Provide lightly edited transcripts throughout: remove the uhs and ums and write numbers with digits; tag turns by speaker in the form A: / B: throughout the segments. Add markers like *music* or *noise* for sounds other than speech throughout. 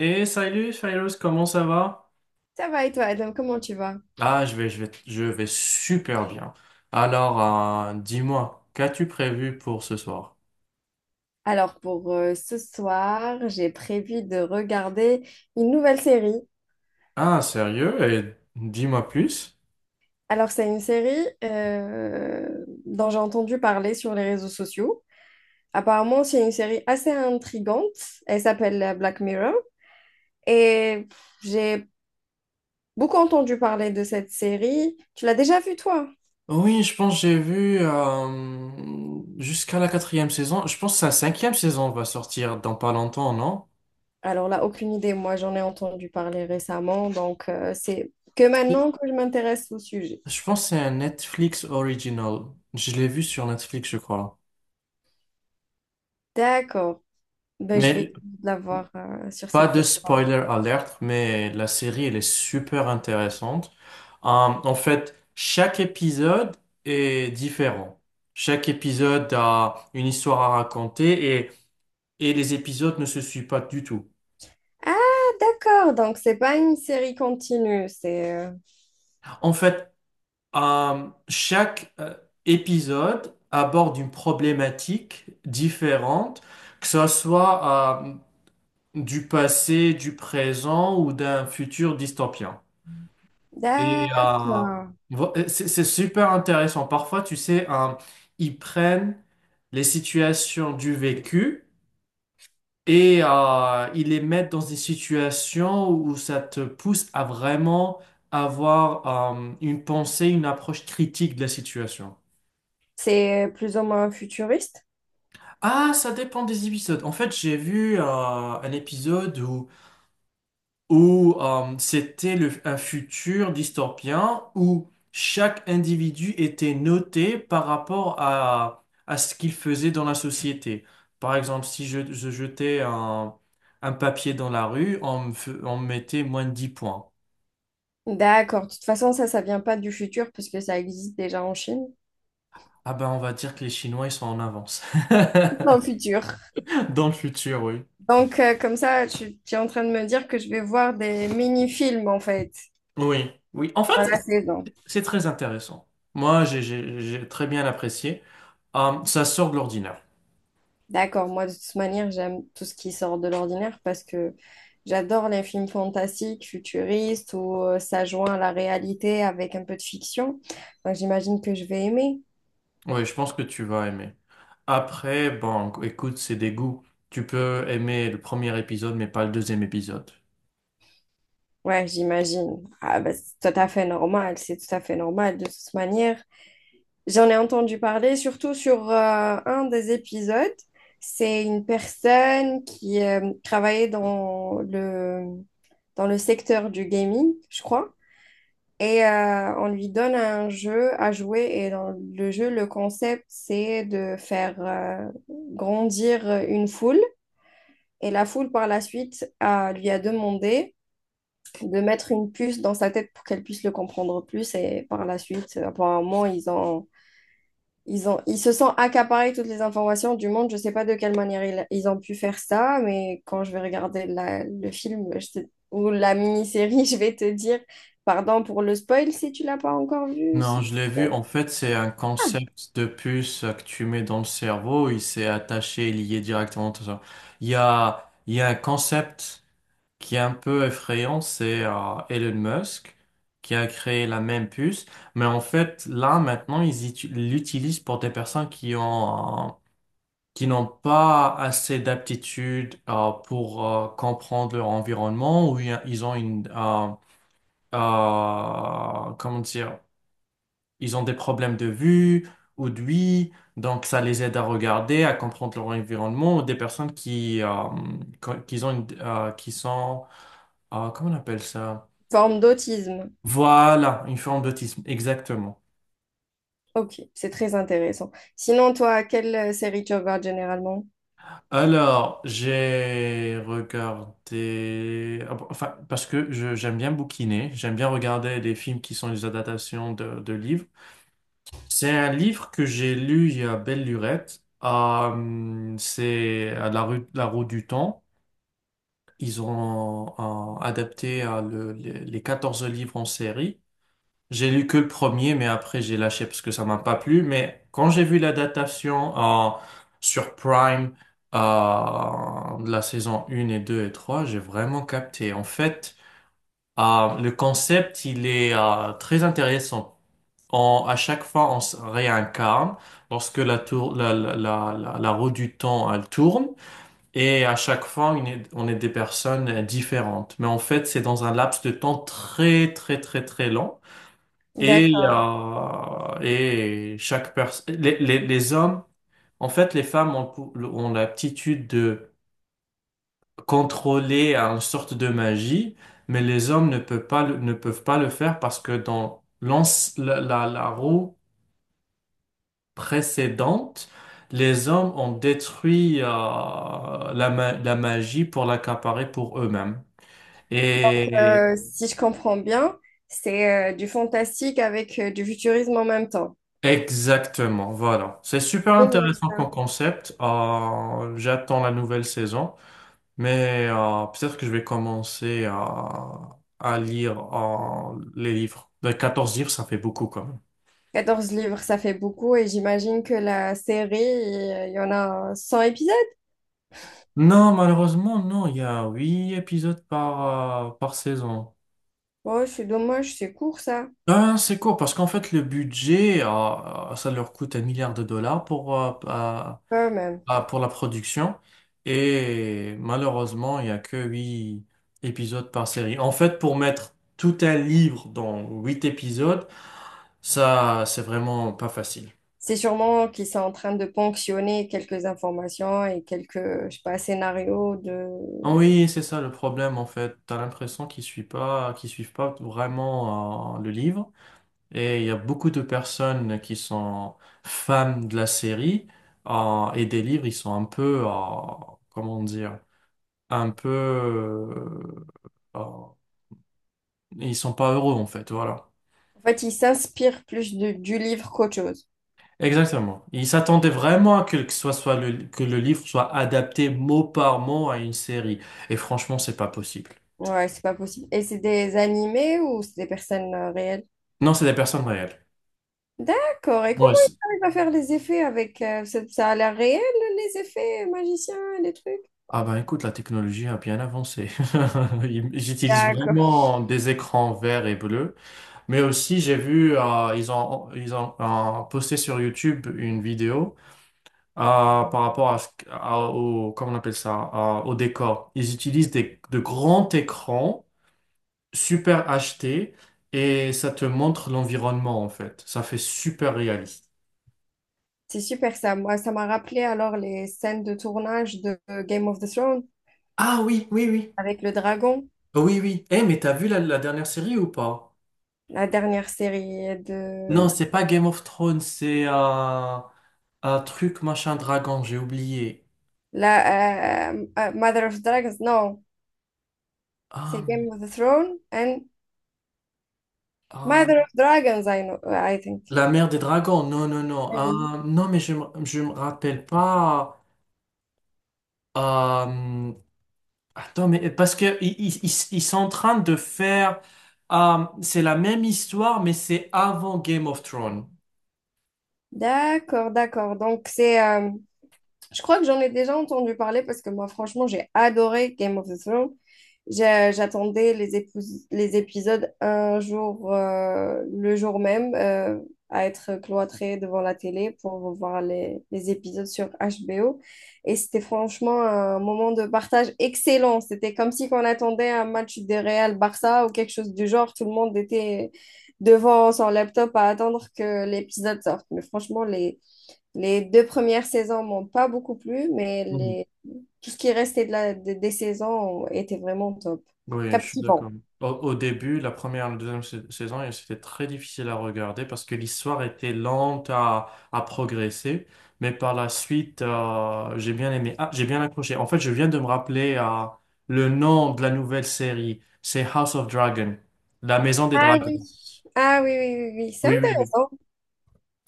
A: Et salut Cyrus, comment ça va?
B: Ça va et toi, Adam, comment tu vas?
A: Ah, je vais super bien. Alors, dis-moi, qu'as-tu prévu pour ce soir?
B: Alors pour ce soir, j'ai prévu de regarder une nouvelle série.
A: Ah, sérieux? Et dis-moi plus.
B: Alors c'est une série dont j'ai entendu parler sur les réseaux sociaux. Apparemment, c'est une série assez intrigante. Elle s'appelle Black Mirror. Et j'ai beaucoup entendu parler de cette série. Tu l'as déjà vue toi?
A: Oui, je pense que j'ai vu jusqu'à la quatrième saison. Je pense que sa cinquième saison va sortir dans pas longtemps, non?
B: Alors là, aucune idée. Moi, j'en ai entendu parler récemment. Donc c'est que maintenant que je m'intéresse au sujet.
A: Je pense que c'est un Netflix original. Je l'ai vu sur Netflix, je crois.
B: D'accord. Ben, je vais
A: Mais
B: la voir sur
A: pas
B: cette
A: de
B: plateforme.
A: spoiler alert, mais la série, elle est super intéressante. En fait, chaque épisode est différent. Chaque épisode a une histoire à raconter, et les épisodes ne se suivent pas du tout.
B: Ah, d'accord. Donc, c'est pas une série continue. C'est.
A: En fait, chaque épisode aborde une problématique différente, que ce soit du passé, du présent ou d'un futur dystopien. Et
B: D'accord.
A: c'est super intéressant. Parfois, tu sais, ils prennent les situations du vécu et ils les mettent dans des situations où ça te pousse à vraiment avoir une pensée, une approche critique de la situation.
B: C'est plus ou moins futuriste.
A: Ah, ça dépend des épisodes. En fait, j'ai vu un épisode où c'était un futur dystopien où chaque individu était noté par rapport à ce qu'il faisait dans la société. Par exemple, si je jetais un papier dans la rue, on me mettait moins de 10 points.
B: D'accord. De toute façon, ça vient pas du futur parce que ça existe déjà en Chine.
A: Ah ben, on va dire que les Chinois, ils sont en avance.
B: Dans le
A: *laughs*
B: futur.
A: Dans le futur, oui.
B: Donc, comme ça, tu es en train de me dire que je vais voir des mini-films en fait
A: Oui, oui. En fait,
B: dans la saison.
A: c'est très intéressant. Moi, j'ai très bien apprécié. Ça sort de l'ordinaire.
B: D'accord, moi de toute manière, j'aime tout ce qui sort de l'ordinaire parce que j'adore les films fantastiques, futuristes, où ça joint la réalité avec un peu de fiction. Donc j'imagine que je vais aimer.
A: Oui, je pense que tu vas aimer. Après, bon, écoute, c'est des goûts. Tu peux aimer le premier épisode, mais pas le deuxième épisode.
B: Ouais, j'imagine. Ah, bah, c'est tout à fait normal, c'est tout à fait normal de toute manière. J'en ai entendu parler surtout sur un des épisodes. C'est une personne qui travaillait dans le secteur du gaming, je crois. Et on lui donne un jeu à jouer. Et dans le jeu, le concept, c'est de faire grandir une foule. Et la foule, par la suite, lui a demandé de mettre une puce dans sa tête pour qu'elle puisse le comprendre plus. Et par la suite, apparemment, ils ont, ils se sont accaparés toutes les informations du monde. Je sais pas de quelle manière ils, ils ont pu faire ça, mais quand je vais regarder le film ou la mini-série, *laughs* je vais te dire, pardon pour le spoil si tu l'as pas encore vu,
A: Non,
B: c'est
A: je l'ai vu. En fait, c'est un
B: Ah,
A: concept de puce que tu mets dans le cerveau. Il s'est attaché et lié directement à ça. Il y a un concept qui est un peu effrayant. C'est Elon Musk qui a créé la même puce. Mais en fait, là, maintenant, ils l'utilisent pour des personnes qui ont qui n'ont pas assez d'aptitude pour comprendre leur environnement, ou il ils ont une comment dire, ils ont des problèmes de vue ou d'ouïe, donc ça les aide à regarder, à comprendre leur environnement, ou des personnes qui qui ont qui sont comment on appelle ça?
B: forme d'autisme.
A: Voilà, une forme d'autisme, exactement.
B: Ok, c'est très intéressant. Sinon, toi, quelle série tu regardes généralement?
A: Alors, j'ai regardé, enfin, parce que j'aime bien bouquiner, j'aime bien regarder des films qui sont des adaptations de livres. C'est un livre que j'ai lu il y a belle lurette. C'est à la rue, la roue du temps. Ils ont adapté les 14 livres en série. J'ai lu que le premier, mais après j'ai lâché parce que ça m'a pas plu. Mais quand j'ai vu l'adaptation sur Prime de la saison 1 et 2 et 3, j'ai vraiment capté. En fait, le concept, il est très intéressant. On, à chaque fois, on se réincarne lorsque la, tour, la- la roue du temps, elle tourne. Et à chaque fois, on est des personnes différentes. Mais en fait, c'est dans un laps de temps très, très, très, très long. Et,
B: D'accord.
A: euh, et chaque personne, les hommes, en fait, les femmes ont l'aptitude de contrôler une sorte de magie, mais les hommes ne peuvent pas le faire parce que dans la roue précédente, les hommes ont détruit la magie pour l'accaparer pour eux-mêmes.
B: Si je comprends bien, c'est du fantastique avec du futurisme en même temps.
A: Exactement, voilà. C'est super
B: Génial.
A: intéressant comme concept. J'attends la nouvelle saison, mais peut-être que je vais commencer à lire les livres. 14 livres, ça fait beaucoup quand même.
B: 14 livres, ça fait beaucoup et j'imagine que la série, il y en a 100 épisodes.
A: Non, malheureusement, non, il y a 8 épisodes par saison.
B: Oh, c'est dommage, c'est court ça.
A: Ben, c'est court parce qu'en fait, le budget, ça leur coûte un milliard de dollars
B: Quand même.
A: pour la production. Et malheureusement, il n'y a que 8 épisodes par série. En fait, pour mettre tout un livre dans 8 épisodes, ça, c'est vraiment pas facile.
B: C'est sûrement qu'ils sont en train de ponctionner quelques informations et quelques, je sais pas, scénarios de...
A: Ah oui, c'est ça le problème en fait. T'as l'impression qu'ils suivent pas vraiment le livre. Et il y a beaucoup de personnes qui sont fans de la série et des livres, ils sont un peu, comment dire, un peu euh, et ils sont pas heureux en fait, voilà.
B: En fait, ils s'inspirent plus du livre qu'autre chose.
A: Exactement. Ils s'attendaient vraiment à que le livre soit adapté mot par mot à une série. Et franchement, c'est pas possible.
B: Ouais, c'est pas possible. Et c'est des animés ou c'est des personnes réelles?
A: Non, c'est des personnes réelles.
B: D'accord. Et comment
A: Moi c'est-
B: ils arrivent à faire les effets avec... ça ça a l'air réel, les effets magiciens, les trucs?
A: Ah ben écoute, la technologie a bien avancé. *laughs* J'utilise
B: D'accord.
A: vraiment des écrans verts et bleus. Mais aussi, j'ai vu, ils ont posté sur YouTube une vidéo euh, par rapport à, ce- qu- à- au, comment on appelle ça, au décor. Ils utilisent de grands écrans super acheté, et ça te montre l'environnement en fait. Ça fait super réaliste.
B: C'est super ça. Moi, ça m'a rappelé alors les scènes de tournage de Game of the Thrones
A: Ah oui, oui, oui.
B: avec le dragon,
A: Oui, oui. Eh, mais t'as vu la dernière série ou pas?
B: la dernière série
A: Non,
B: de
A: c'est pas Game of Thrones, c'est un truc machin dragon, j'ai oublié.
B: la Mother of Dragons. Non,
A: Ah,
B: c'est Game
A: mais...
B: of the Thrones and
A: ah,
B: Mother of Dragons, I know, I think.
A: la mère des dragons, non, non, non.
B: Oui.
A: Ah, non, mais je me rappelle pas. Euh, Attends, mais parce que ils sont en train de faire... c'est la même histoire, mais c'est avant Game of Thrones.
B: D'accord, d'accord. Donc c'est, je crois que j'en ai déjà entendu parler parce que moi, franchement, j'ai adoré Game of the Thrones. J'attendais les, les épisodes un jour, le jour même, à être cloîtrée devant la télé pour voir les épisodes sur HBO. Et c'était franchement un moment de partage excellent. C'était comme si on attendait un match de Real Barça ou quelque chose du genre. Tout le monde était devant son laptop à attendre que l'épisode sorte. Mais franchement, les deux premières saisons m'ont pas beaucoup plu, mais
A: Mhm.
B: les... tout ce qui restait de la... des saisons était vraiment top.
A: Oui, je suis d'accord.
B: Captivant.
A: Au début, la première, la deuxième saison, et c'était très difficile à regarder parce que l'histoire était lente à progresser. Mais par la suite, j'ai bien aimé. Ah, j'ai bien accroché. En fait, je viens de me rappeler le nom de la nouvelle série. C'est House of Dragon, la maison des
B: Ah
A: dragons.
B: oui. Ah oui, oui, oui, oui. C'est
A: Oui, oui, oui.
B: intéressant.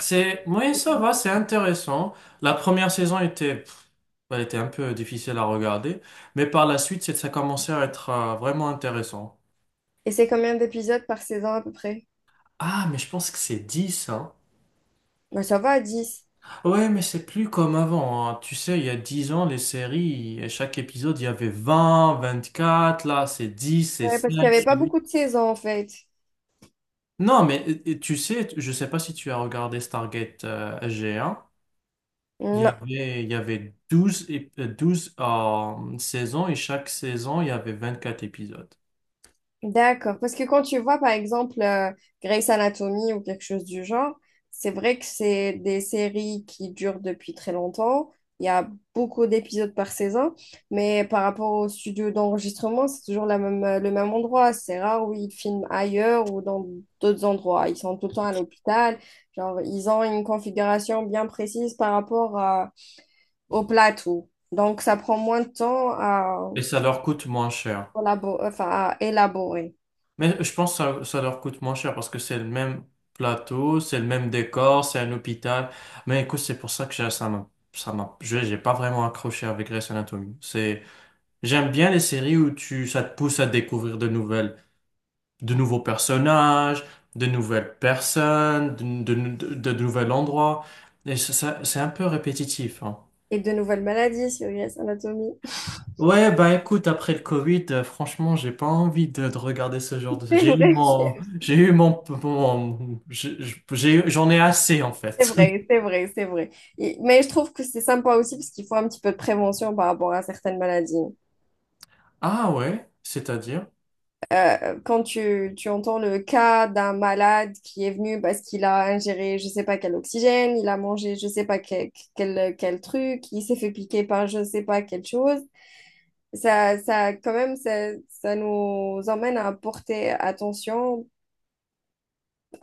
A: C'est, oui, ça va, c'est intéressant. La première saison était, pff, elle était un peu difficile à regarder, mais par la suite, ça commençait à être vraiment intéressant.
B: Et c'est combien d'épisodes par saison à peu près?
A: Ah, mais je pense que c'est 10 hein.
B: Ben, ça va à 10.
A: Ouais, mais c'est plus comme avant, hein. Tu sais, il y a 10 ans, les séries, à chaque épisode, il y avait 20, 24, là c'est 10, c'est
B: Ouais, parce qu'il
A: 5,
B: n'y avait
A: c'est
B: pas
A: 8.
B: beaucoup de saisons en fait.
A: Non, mais tu sais, je sais pas si tu as regardé Stargate G un. Il y
B: Non.
A: avait, il y avait 12 saisons, et chaque saison, il y avait 24 épisodes.
B: D'accord, parce que quand tu vois par exemple Grey's Anatomy ou quelque chose du genre, c'est vrai que c'est des séries qui durent depuis très longtemps. Il y a beaucoup d'épisodes par saison, mais par rapport au studio d'enregistrement, c'est toujours la même, le même endroit. C'est rare où ils filment ailleurs ou dans d'autres endroits. Ils sont tout le temps à l'hôpital. Genre, ils ont une configuration bien précise par rapport au plateau. Donc, ça prend moins de temps à,
A: Et ça leur coûte moins cher.
B: enfin, à élaborer.
A: Mais je pense que ça leur coûte moins cher parce que c'est le même plateau, c'est le même décor, c'est un hôpital. Mais écoute, c'est pour ça que j'ai pas vraiment accroché avec Grey's Anatomy. C'est, j'aime bien les séries où tu, ça te pousse à découvrir de nouvelles, de nouveaux personnages, de nouvelles personnes, de nouveaux endroits. Et ça, c'est un peu répétitif, hein.
B: Et de nouvelles maladies sur Grey's Anatomy.
A: Ouais, bah écoute, après le Covid, franchement, j'ai pas envie de regarder ce genre de...
B: *laughs*
A: J'ai eu mon... j'en ai assez, en
B: C'est
A: fait.
B: vrai,
A: *laughs*
B: c'est vrai, c'est vrai, c'est vrai. Et mais je trouve que c'est sympa aussi parce qu'il faut un petit peu de prévention par rapport à certaines maladies.
A: Ah ouais, c'est-à-dire?
B: Quand tu entends le cas d'un malade qui est venu parce qu'il a ingéré je sais pas quel oxygène, il a mangé je sais pas quel, quel, quel truc, il s'est fait piquer par je sais pas quelle chose, ça quand même, ça nous emmène à porter attention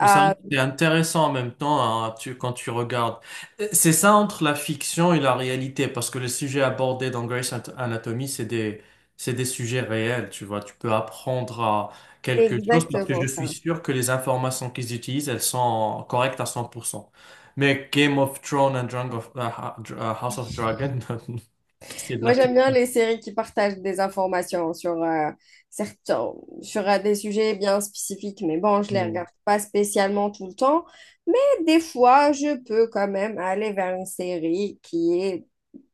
A: Mais ça, c'est intéressant en même temps hein, quand tu regardes. C'est ça, entre la fiction et la réalité, parce que les sujets abordés dans Grey's Anatomy, c'est des sujets réels, tu vois. Tu peux apprendre à
B: C'est
A: quelque chose parce que
B: exactement
A: je suis
B: ça.
A: sûr que les informations qu'ils utilisent, elles sont correctes à 100%. Mais Game of Thrones and House of Dragon, *laughs* c'est de la
B: Moi, j'aime bien
A: fiction.
B: les séries qui partagent des informations sur, certains, sur des sujets bien spécifiques, mais bon, je les
A: Mm.
B: regarde pas spécialement tout le temps. Mais des fois, je peux quand même aller vers une série qui est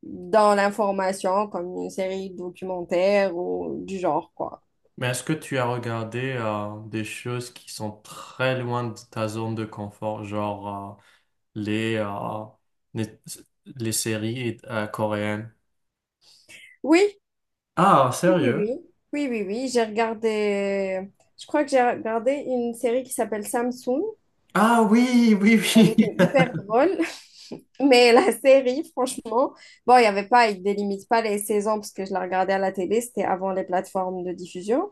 B: dans l'information, comme une série documentaire ou du genre, quoi.
A: Mais est-ce que tu as regardé des choses qui sont très loin de ta zone de confort, genre... euh, les, euh, les, les séries coréennes.
B: Oui,
A: Ah,
B: oui, oui,
A: sérieux?
B: oui, oui, oui, oui, j'ai regardé, je crois que j'ai regardé une série qui s'appelle Samsung.
A: Ah oui, oui,
B: Elle
A: oui.
B: était hyper drôle. Mais la *laughs* série, franchement, bon, il y avait pas, il délimite pas les saisons parce que je la regardais à la télé, c'était avant les plateformes de diffusion.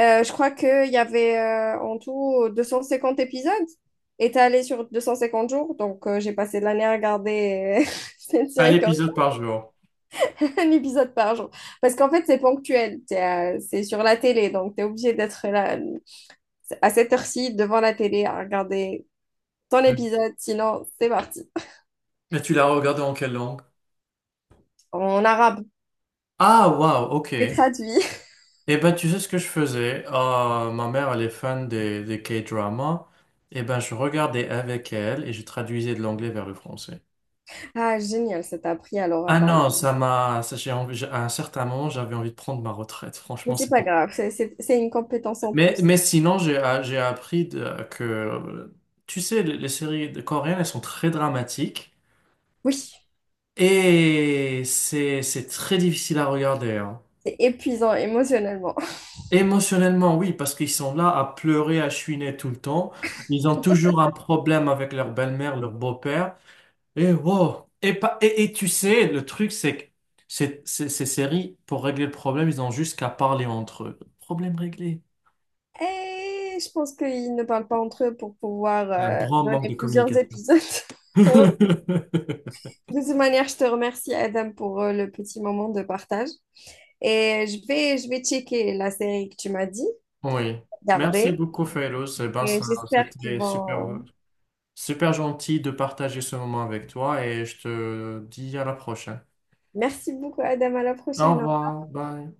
B: Je crois qu'il y avait en tout 250 épisodes étalés sur 250 jours. Donc, j'ai passé l'année à regarder *laughs* cette
A: *laughs* Un
B: série quand
A: épisode par jour.
B: *laughs* un épisode par jour. Parce qu'en fait, c'est ponctuel. C'est sur la télé, donc tu es obligé d'être là à cette heure-ci devant la télé à regarder ton
A: Oui.
B: épisode. Sinon, c'est parti.
A: Et tu l'as regardé en quelle langue?
B: En arabe,
A: Ah, wow ok.
B: c'est traduit.
A: Eh ben, tu sais ce que je faisais? Ma mère, elle est fan des K-dramas. Eh ben, je regardais avec elle et je traduisais de l'anglais vers le français.
B: Ah, génial, ça t'a appris alors à
A: Ah
B: parler.
A: non, ça m'a, ça, j'ai envie- j'ai- à un certain moment, j'avais envie de prendre ma retraite.
B: Mais
A: Franchement,
B: c'est
A: c'est
B: pas grave, c'est une compétence en
A: Mais,
B: plus.
A: mais sinon, j'ai appris que, tu sais, les séries coréennes, elles sont très dramatiques
B: Oui,
A: et c'est très difficile à regarder, hein.
B: c'est épuisant émotionnellement. *laughs*
A: Émotionnellement, oui, parce qu'ils sont là à pleurer, à chouiner tout le temps. Ils ont toujours un problème avec leur belle-mère, leur beau-père. Et wow. Et, pas, et tu sais, le truc, c'est que ces séries, pour régler le problème, ils ont juste qu'à parler entre eux. Problème réglé.
B: Et je pense qu'ils ne parlent pas entre eux pour pouvoir
A: Il y a un grand manque
B: donner
A: de
B: plusieurs
A: communication.
B: épisodes. *laughs*
A: *laughs*
B: De toute manière, je te remercie, Adam, pour le petit moment de partage. Et je vais checker la série que tu m'as dit,
A: Oui, merci
B: garder.
A: beaucoup, Fairouz. Eh ben,
B: Et j'espère qu'ils
A: c'était super,
B: vont
A: super gentil de partager ce moment avec toi, et je te dis à la prochaine.
B: Merci beaucoup, Adam. À la
A: Au
B: prochaine. Au revoir.
A: revoir, bye.